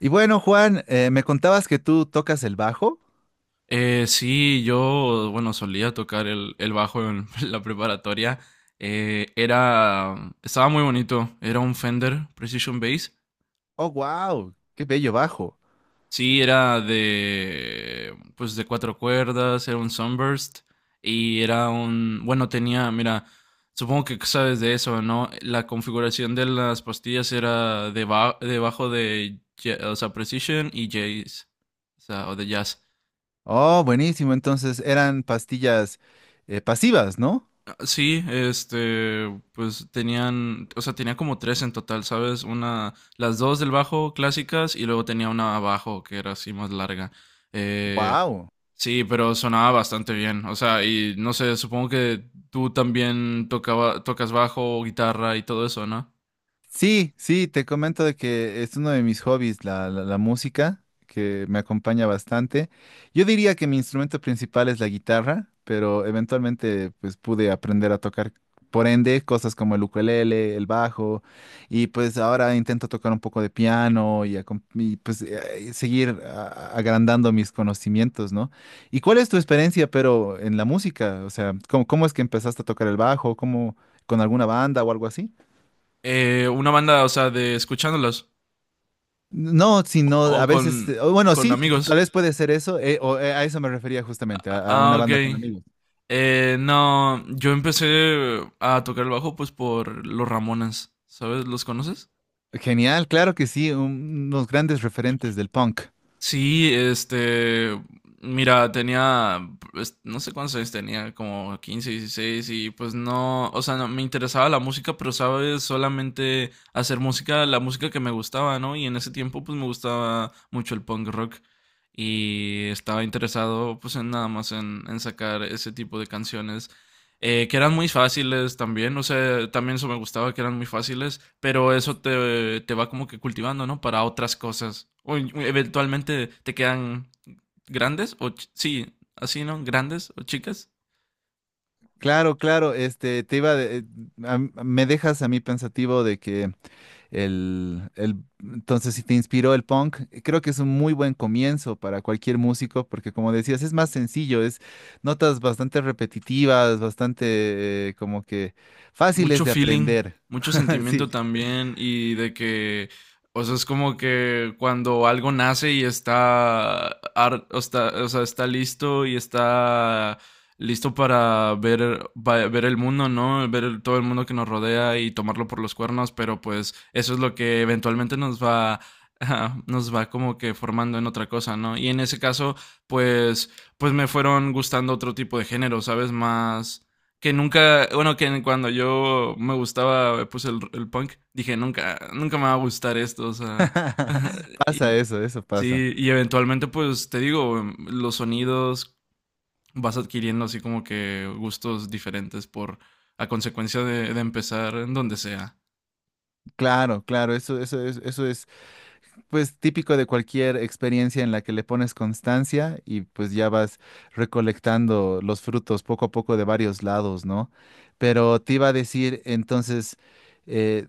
Y bueno, Juan, me contabas que tú tocas el bajo. Sí, yo, bueno, solía tocar el bajo en la preparatoria. Eh, era, Estaba muy bonito. Era un Fender Precision Bass. Oh, wow, qué bello bajo. Sí, era pues de cuatro cuerdas, era un Sunburst y era mira, supongo que sabes de eso, ¿no? La configuración de las pastillas era debajo o sea, Precision y Jazz, o sea, o de Jazz. Oh, buenísimo. Entonces eran pastillas pasivas, ¿no? Sí, este, o sea, tenía como tres en total, ¿sabes? Una, las dos del bajo clásicas y luego tenía una abajo que era así más larga. Eh, Wow. sí, pero sonaba bastante bien, o sea, y no sé, supongo que tú también tocas bajo, guitarra y todo eso, ¿no? Sí, sí, te comento de que es uno de mis hobbies, la música, que me acompaña bastante. Yo diría que mi instrumento principal es la guitarra, pero eventualmente pues pude aprender a tocar, por ende, cosas como el ukelele, el bajo, y pues ahora intento tocar un poco de piano y, pues seguir agrandando mis conocimientos, ¿no? ¿Y cuál es tu experiencia, pero en la música? O sea, ¿cómo es que empezaste a tocar el bajo? ¿Cómo con alguna banda o algo así? Una banda, o sea, de escuchándolas No, o, sino o a veces, con, o bueno, con sí, amigos. tal vez puede ser eso, o a eso me refería justamente, a una Ah, ok. banda con amigos. No, yo empecé a tocar el bajo pues por los Ramones, ¿sabes? ¿Los conoces? Genial, claro que sí, unos grandes referentes del punk. Sí, este, mira, pues, no sé cuántos años tenía, como 15, 16, y pues no, o sea, no, me interesaba la música, pero sabes, solamente hacer música, la música que me gustaba, ¿no? Y en ese tiempo pues me gustaba mucho el punk rock y estaba interesado pues en nada más en sacar ese tipo de canciones que eran muy fáciles también, no sé, también eso me gustaba que eran muy fáciles, pero eso te va como que cultivando, ¿no? Para otras cosas. Eventualmente te quedan grandes sí, así, ¿no? Grandes o chicas. Claro, claro, este, te iba, me dejas a mí pensativo de que el, entonces si te inspiró el punk, creo que es un muy buen comienzo para cualquier músico, porque como decías, es más sencillo, es notas bastante repetitivas, bastante, como que fáciles Mucho de feeling, aprender. mucho sentimiento Sí. también y de que, o sea, es como que cuando algo nace y está, o está, o sea, está listo y está listo para ver, ver el mundo, ¿no? ver todo el mundo que nos rodea y tomarlo por los cuernos, pero pues eso es lo que eventualmente nos va, nos va como que formando en otra cosa, ¿no? Y en ese caso, pues, pues me fueron gustando otro tipo de género, ¿sabes? Más que nunca, bueno, que cuando yo me gustaba, pues el punk, dije, nunca, nunca me va a gustar esto, o sea, y, Pasa eso, eso pasa. sí, y eventualmente, pues te digo, los sonidos vas adquiriendo así como que gustos diferentes por, a consecuencia de empezar en donde sea. Claro, claro, eso es pues típico de cualquier experiencia en la que le pones constancia y pues ya vas recolectando los frutos poco a poco de varios lados, ¿no? Pero te iba a decir, entonces, eh,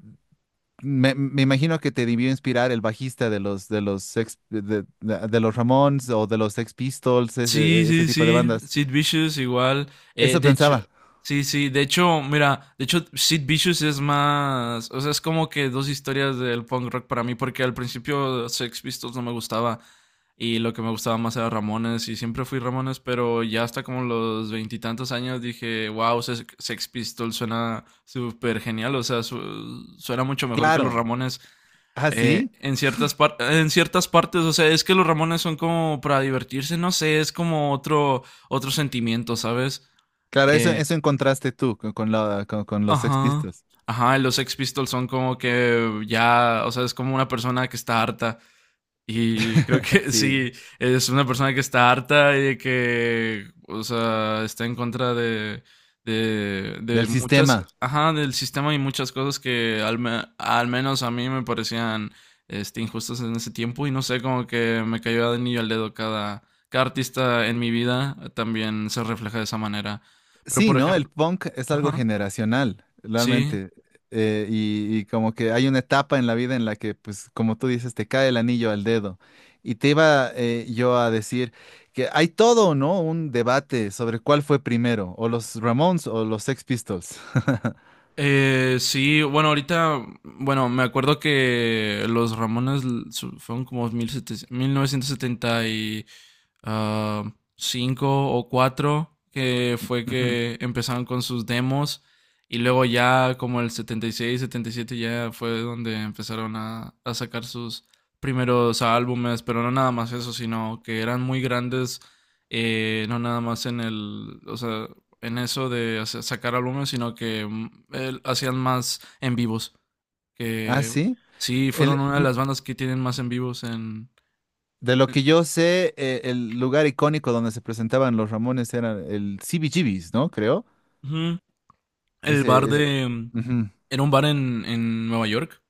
me imagino que te debió inspirar el bajista de los Ramones o de los Sex Pistols, Sí, ese sí, tipo de sí, bandas. Sid Vicious igual. Eso De hecho, pensaba. sí, sí, de hecho, mira, de hecho, Sid Vicious es más, o sea, es como que dos historias del punk rock para mí, porque al principio Sex Pistols no me gustaba y lo que me gustaba más era Ramones y siempre fui Ramones, pero ya hasta como los veintitantos años dije, wow, Sex Pistols suena súper genial, o sea, suena mucho mejor que los Claro. Ramones. ¿Ah, sí? En ciertas partes, o sea, es que los Ramones son como para divertirse, no sé, es como otro sentimiento, ¿sabes? Claro, eso, Eh, eso encontraste tú con los Sex ajá. Pistols. Ajá, los Sex Pistols son como que ya, o sea, es como una persona que está harta y creo que sí, Sí, es una persona que está harta y que, o sea, está en contra de del muchas, sistema. ajá, del sistema y muchas cosas que al menos a mí me parecían este, injustas en ese tiempo y no sé, como que me cayó de anillo al dedo cada artista en mi vida también se refleja de esa manera. Pero, Sí, por ¿no? El ejemplo, punk es algo ajá, generacional, sí. realmente. Y como que hay una etapa en la vida en la que, pues, como tú dices, te cae el anillo al dedo. Y te iba yo a decir que hay todo, ¿no? Un debate sobre cuál fue primero, o los Ramones o los Sex Pistols. Sí, bueno, ahorita, bueno, me acuerdo que los Ramones fueron como mil novecientos setenta y ah, cinco o 4 que fue Ujú. que empezaron con sus demos y luego ya como el setenta y seis, setenta y siete ya fue donde empezaron a sacar sus primeros álbumes, pero no nada más eso, sino que eran muy grandes, no nada más en el, o sea, en eso de sacar álbumes, sino que hacían más en vivos. Ah, Que sí. sí, fueron El, una de las bandas que tienen más en vivos en... De lo que yo sé, el lugar icónico donde se presentaban los Ramones era el CBGB's, ¿no? Creo. Ujú. El bar Ese, ese- de... ujú, Era un bar en Nueva York.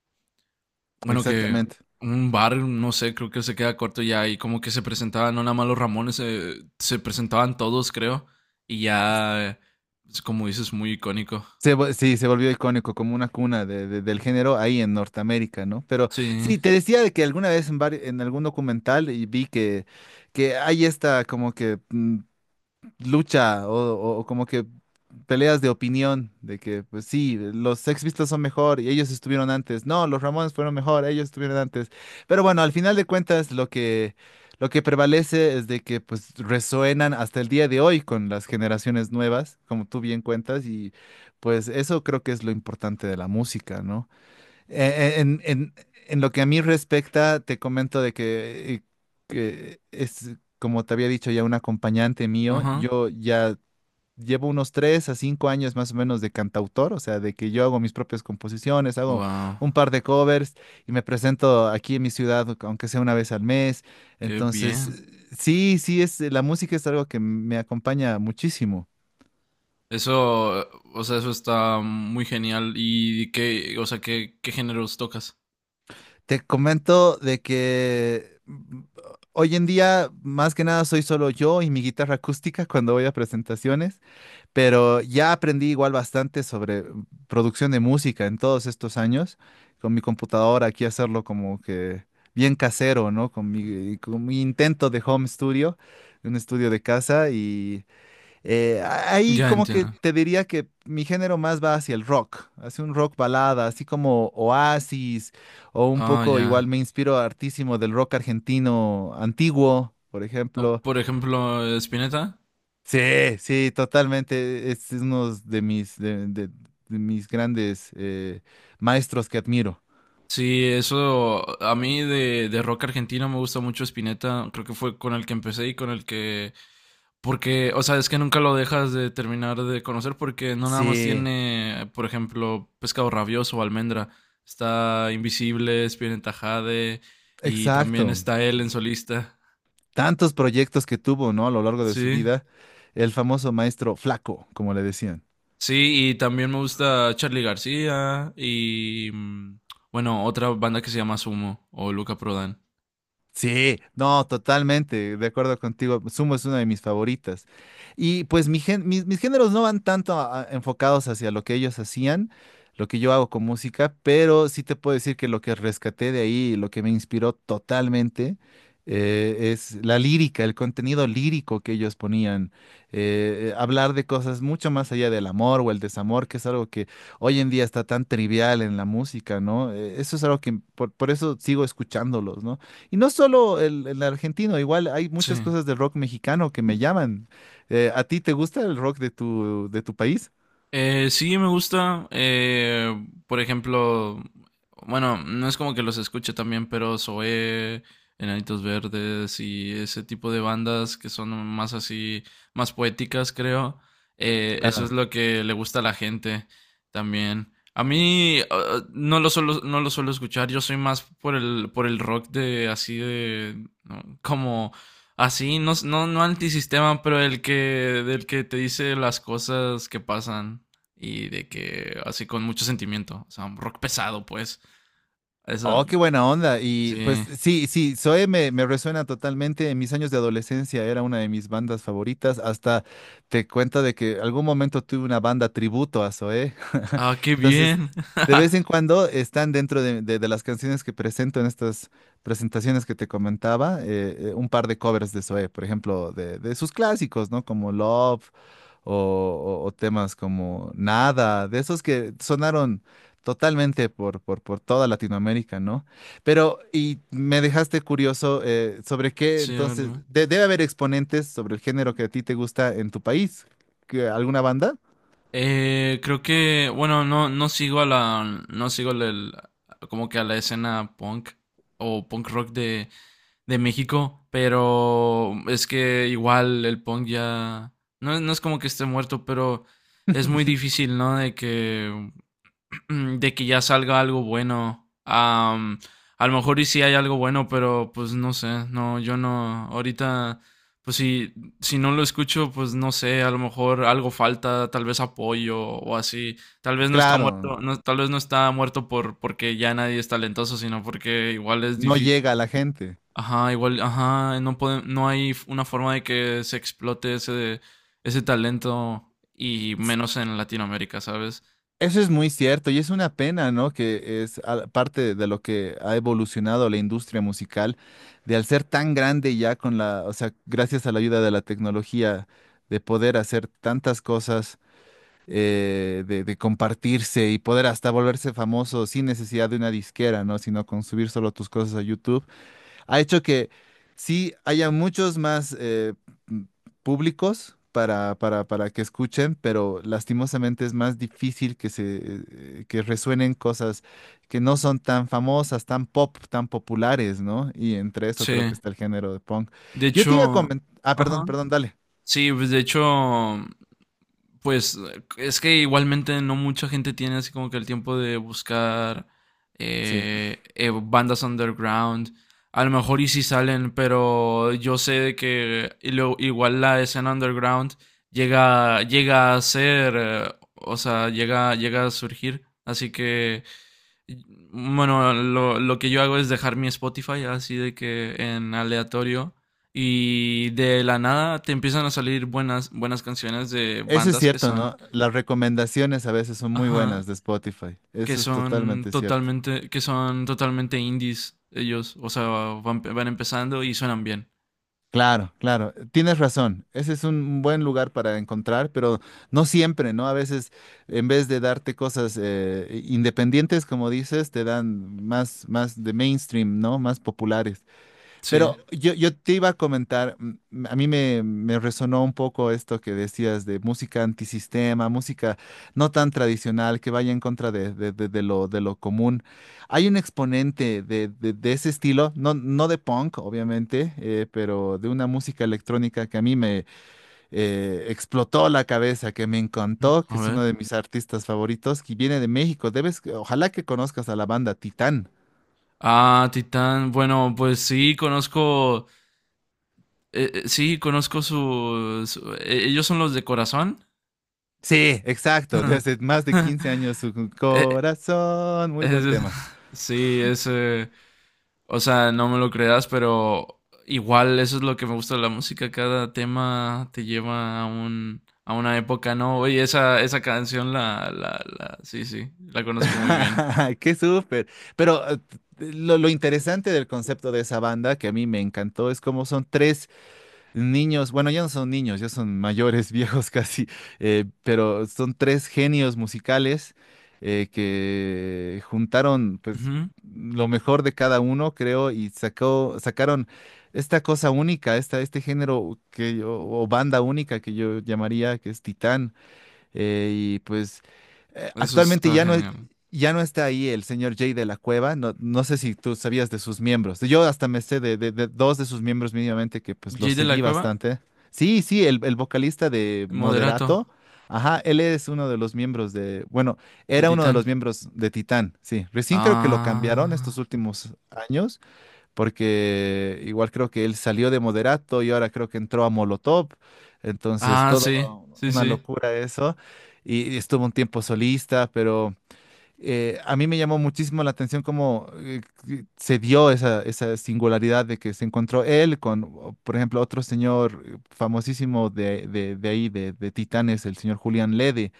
Bueno, que exactamente. un bar, no sé, creo que se queda corto ya y como que se presentaban, no nada más los Ramones, se presentaban todos, creo. Y ya, es como dices, muy icónico. Sí, se volvió icónico como una cuna del género ahí en Norteamérica, ¿no? Pero Sí, sí, te decía de que alguna vez en algún documental y vi que, hay esta como que lucha o como que peleas de opinión, de que pues sí, los Sex Pistols son mejor y ellos estuvieron antes. No, los Ramones fueron mejor, ellos estuvieron antes. Pero bueno, al final de cuentas lo que prevalece es de que pues resuenan hasta el día de hoy con las generaciones nuevas, como tú bien cuentas, y pues eso creo que es lo importante de la música, ¿no? Eh, eh, En, en- en lo que a mí respecta, te comento de que es, como te había dicho ya, un acompañante mío. ajá. Yo ya llevo unos 3 a 5 años más o menos de cantautor, o sea, de que yo hago mis propias composiciones, hago Wow, un par de covers y me presento aquí en mi ciudad, aunque sea una vez al mes. qué bien. Entonces, sí, sí, es, la música es algo que me acompaña muchísimo. Eso, o sea, eso está muy genial. ¿Y qué, o sea, qué géneros tocas? Te comento de que hoy en día más que nada soy solo yo y mi guitarra acústica cuando voy a presentaciones, pero ya aprendí igual bastante sobre producción de música en todos estos años, con mi computadora aquí hacerlo como que bien casero, ¿no? Con mi intento de home studio, un estudio de casa y... Ahí Ya como que entiendo. te diría que mi género más va hacia el rock, hacia un rock balada, así como Oasis, o un Ah, poco ya. igual me inspiro hartísimo del rock argentino antiguo, por ejemplo. Por ejemplo, Spinetta. Sí, sí, totalmente. Es uno de mis grandes maestros que admiro. Sí, eso a mí de rock argentino me gusta mucho Spinetta. Creo que fue con el que empecé y con el que... Porque, o sea, es que nunca lo dejas de terminar de conocer porque no nada más Sí, tiene, por ejemplo, Pescado Rabioso o Almendra. Está Invisible, Spinetta Jade y también exacto. está él en solista. Tantos proyectos que tuvo, ¿no? A lo largo de su Sí. vida, el famoso maestro Flaco, como le decían. Sí, y también me gusta Charlie García y bueno, otra banda que se llama Sumo o Luca Prodan. Sí, no, totalmente, de acuerdo contigo. Sumo es una de mis favoritas. Y pues mis géneros no van tanto enfocados hacia lo que ellos hacían, lo que yo hago con música, pero sí te puedo decir que lo que rescaté de ahí, lo que me inspiró totalmente, es la lírica, el contenido lírico que ellos ponían. Hablar de cosas mucho más allá del amor o el desamor, que es algo que hoy en día está tan trivial en la música, ¿no? Eso es algo que por eso sigo escuchándolos, ¿no? Y no solo el argentino, igual hay Sí. muchas cosas del rock mexicano que me llaman. ¿A ti te gusta el rock de tu país? Sí, me gusta. Por ejemplo, bueno, no es como que los escuche también, pero Zoé, Enanitos Verdes y ese tipo de bandas que son más así, más poéticas, creo. Eso es Claro. lo que le gusta a la gente también. A mí no lo suelo escuchar. Yo soy más por el rock de así de ¿no? como Así, no, no, no antisistema, pero del que te dice las cosas que pasan y de que así con mucho sentimiento, o sea, un rock pesado, pues. Eso, Oh, qué buena onda. Y pues sí. sí, sí, Zoe me resuena totalmente. En mis años de adolescencia era una de mis bandas favoritas. Hasta te cuenta de que algún momento tuve una banda tributo a Zoe. Ah, qué Entonces, bien. de vez en cuando están dentro de las canciones que presento en estas presentaciones que te comentaba, un par de covers de Zoe, por ejemplo, de sus clásicos, ¿no? Como Love o, o temas como Nada, de esos que sonaron totalmente por toda Latinoamérica, ¿no? Pero, y me dejaste curioso sobre qué, Sí, a ver, entonces, dime. Debe haber exponentes sobre el género que a ti te gusta en tu país. ¿Alguna banda? Creo que, bueno, no sigo a la, no sigo el- como que a la escena punk o punk rock de México, pero es que igual el punk ya, no, no es como que esté muerto, pero es muy difícil, ¿no? De que ya salga algo bueno. A lo mejor y sí hay algo bueno, pero pues no sé, no, yo no, ahorita, pues si no lo escucho, pues no sé, a lo mejor algo falta, tal vez apoyo o así, tal vez no está Claro, muerto, no, tal vez no está muerto porque ya nadie es talentoso, sino porque igual es no difícil. llega a la gente. Ajá, igual, ajá, no hay una forma de que se explote ese talento y menos en Latinoamérica, ¿sabes? Eso es muy cierto y es una pena, ¿no? Que es parte de lo que ha evolucionado la industria musical, de al ser tan grande ya con la, o sea, gracias a la ayuda de la tecnología, de poder hacer tantas cosas, de compartirse y poder hasta volverse famoso sin necesidad de una disquera, ¿no? Sino con subir solo tus cosas a YouTube ha hecho que sí haya muchos más m- públicos para que escuchen, pero lastimosamente es más difícil que se que resuenen cosas que no son tan famosas, tan pop, tan populares, ¿no? Y entre eso creo Sí. que está el género de punk. De Yo te iba a hecho, comentar, ah, perdón, ajá. perdón, dale. Sí, pues de hecho, pues es que igualmente no mucha gente tiene así como que el tiempo de buscar Sí, bandas underground. A lo mejor y si salen, pero yo sé de que y igual la escena underground llega a ser, o sea, llega a surgir. Así que, bueno, lo que yo hago es dejar mi Spotify así de que en aleatorio y de la nada te empiezan a salir buenas, buenas canciones de eso es bandas que cierto, son, ¿no? Las recomendaciones a veces son muy ajá, buenas de Spotify. que Eso es son totalmente cierto. totalmente, que son totalmente indies ellos. O sea, van empezando y suenan bien. Claro, claro, tienes razón. Ese es un buen lugar para encontrar, pero no siempre, ¿no? A veces, en vez de darte cosas independientes, como dices, te dan más, de mainstream, ¿no? Más populares. Sí. Pero yo te iba a comentar, a mí me resonó un poco esto que decías de música antisistema, música no tan tradicional, que vaya en contra de lo común. Hay un exponente de ese estilo, no, no de punk, obviamente, pero de una música electrónica que a mí me explotó la cabeza, que me encantó, que A es ver. uno de mis artistas favoritos, que viene de México. Debes, ojalá que conozcas a la banda Titán. Ah, Titán. Bueno, pues sí, conozco. Sí, conozco ellos son los de corazón. Sí, exacto. Desde más de 15 años su Eh, corazón. Muy buen es- tema. sí, es. O sea, no me lo creas, pero igual eso es lo que me gusta de la música. Cada tema te lleva a una época, ¿no? Oye, esa canción sí, sí, la conozco muy bien. Qué súper. Pero lo interesante del concepto de esa banda que a mí me encantó es cómo son tres niños, bueno, ya no son niños, ya son mayores, viejos casi, pero son tres genios musicales que juntaron pues Ujú. lo mejor de cada uno, creo, y sacaron esta cosa única, este género que yo, o banda única que yo llamaría, que es Titán y pues Eso actualmente está ya no, es- genial. ya no está ahí el señor Jay de la Cueva, no, no sé si tú sabías de sus miembros, yo hasta me sé de dos de sus miembros mínimamente que pues Jay los de seguí la Cueva, bastante. Sí, sí, el vocalista de Moderato, Moderato, ajá, él es uno de los miembros de, bueno, de era uno de Titán. los miembros de Titán, sí, recién creo que lo cambiaron Ah, estos últimos años porque igual creo que él salió de Moderato y ahora creo que entró a Molotov, entonces ah, sí, todo sí, una sí. locura eso, y estuvo un tiempo solista, pero a mí me llamó muchísimo la atención cómo que se dio esa singularidad de que se encontró él con, o, por ejemplo, otro señor famosísimo de ahí, de Titanes, el señor Julián Lede,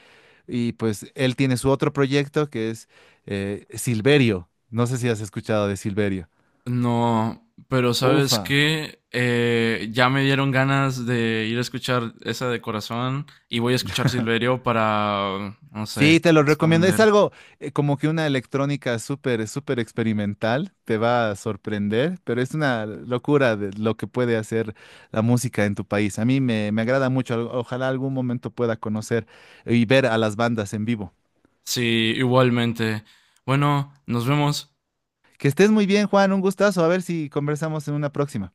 y pues él tiene su otro proyecto que es Silverio, no sé si has escuchado de Silverio. No, pero ¿sabes Ufa. qué? Ya me dieron ganas de ir a escuchar esa de corazón y voy a escuchar Silverio para, no sé, Sí, te lo recomiendo. Es expander. algo como que una electrónica súper, súper experimental. Te va a sorprender, pero es una locura de lo que puede hacer la música en tu país. A mí me agrada mucho. Ojalá algún momento pueda conocer y ver a las bandas en vivo. Sí, igualmente. Bueno, nos vemos. Que estés muy bien, Juan. Un gustazo. A ver si conversamos en una próxima.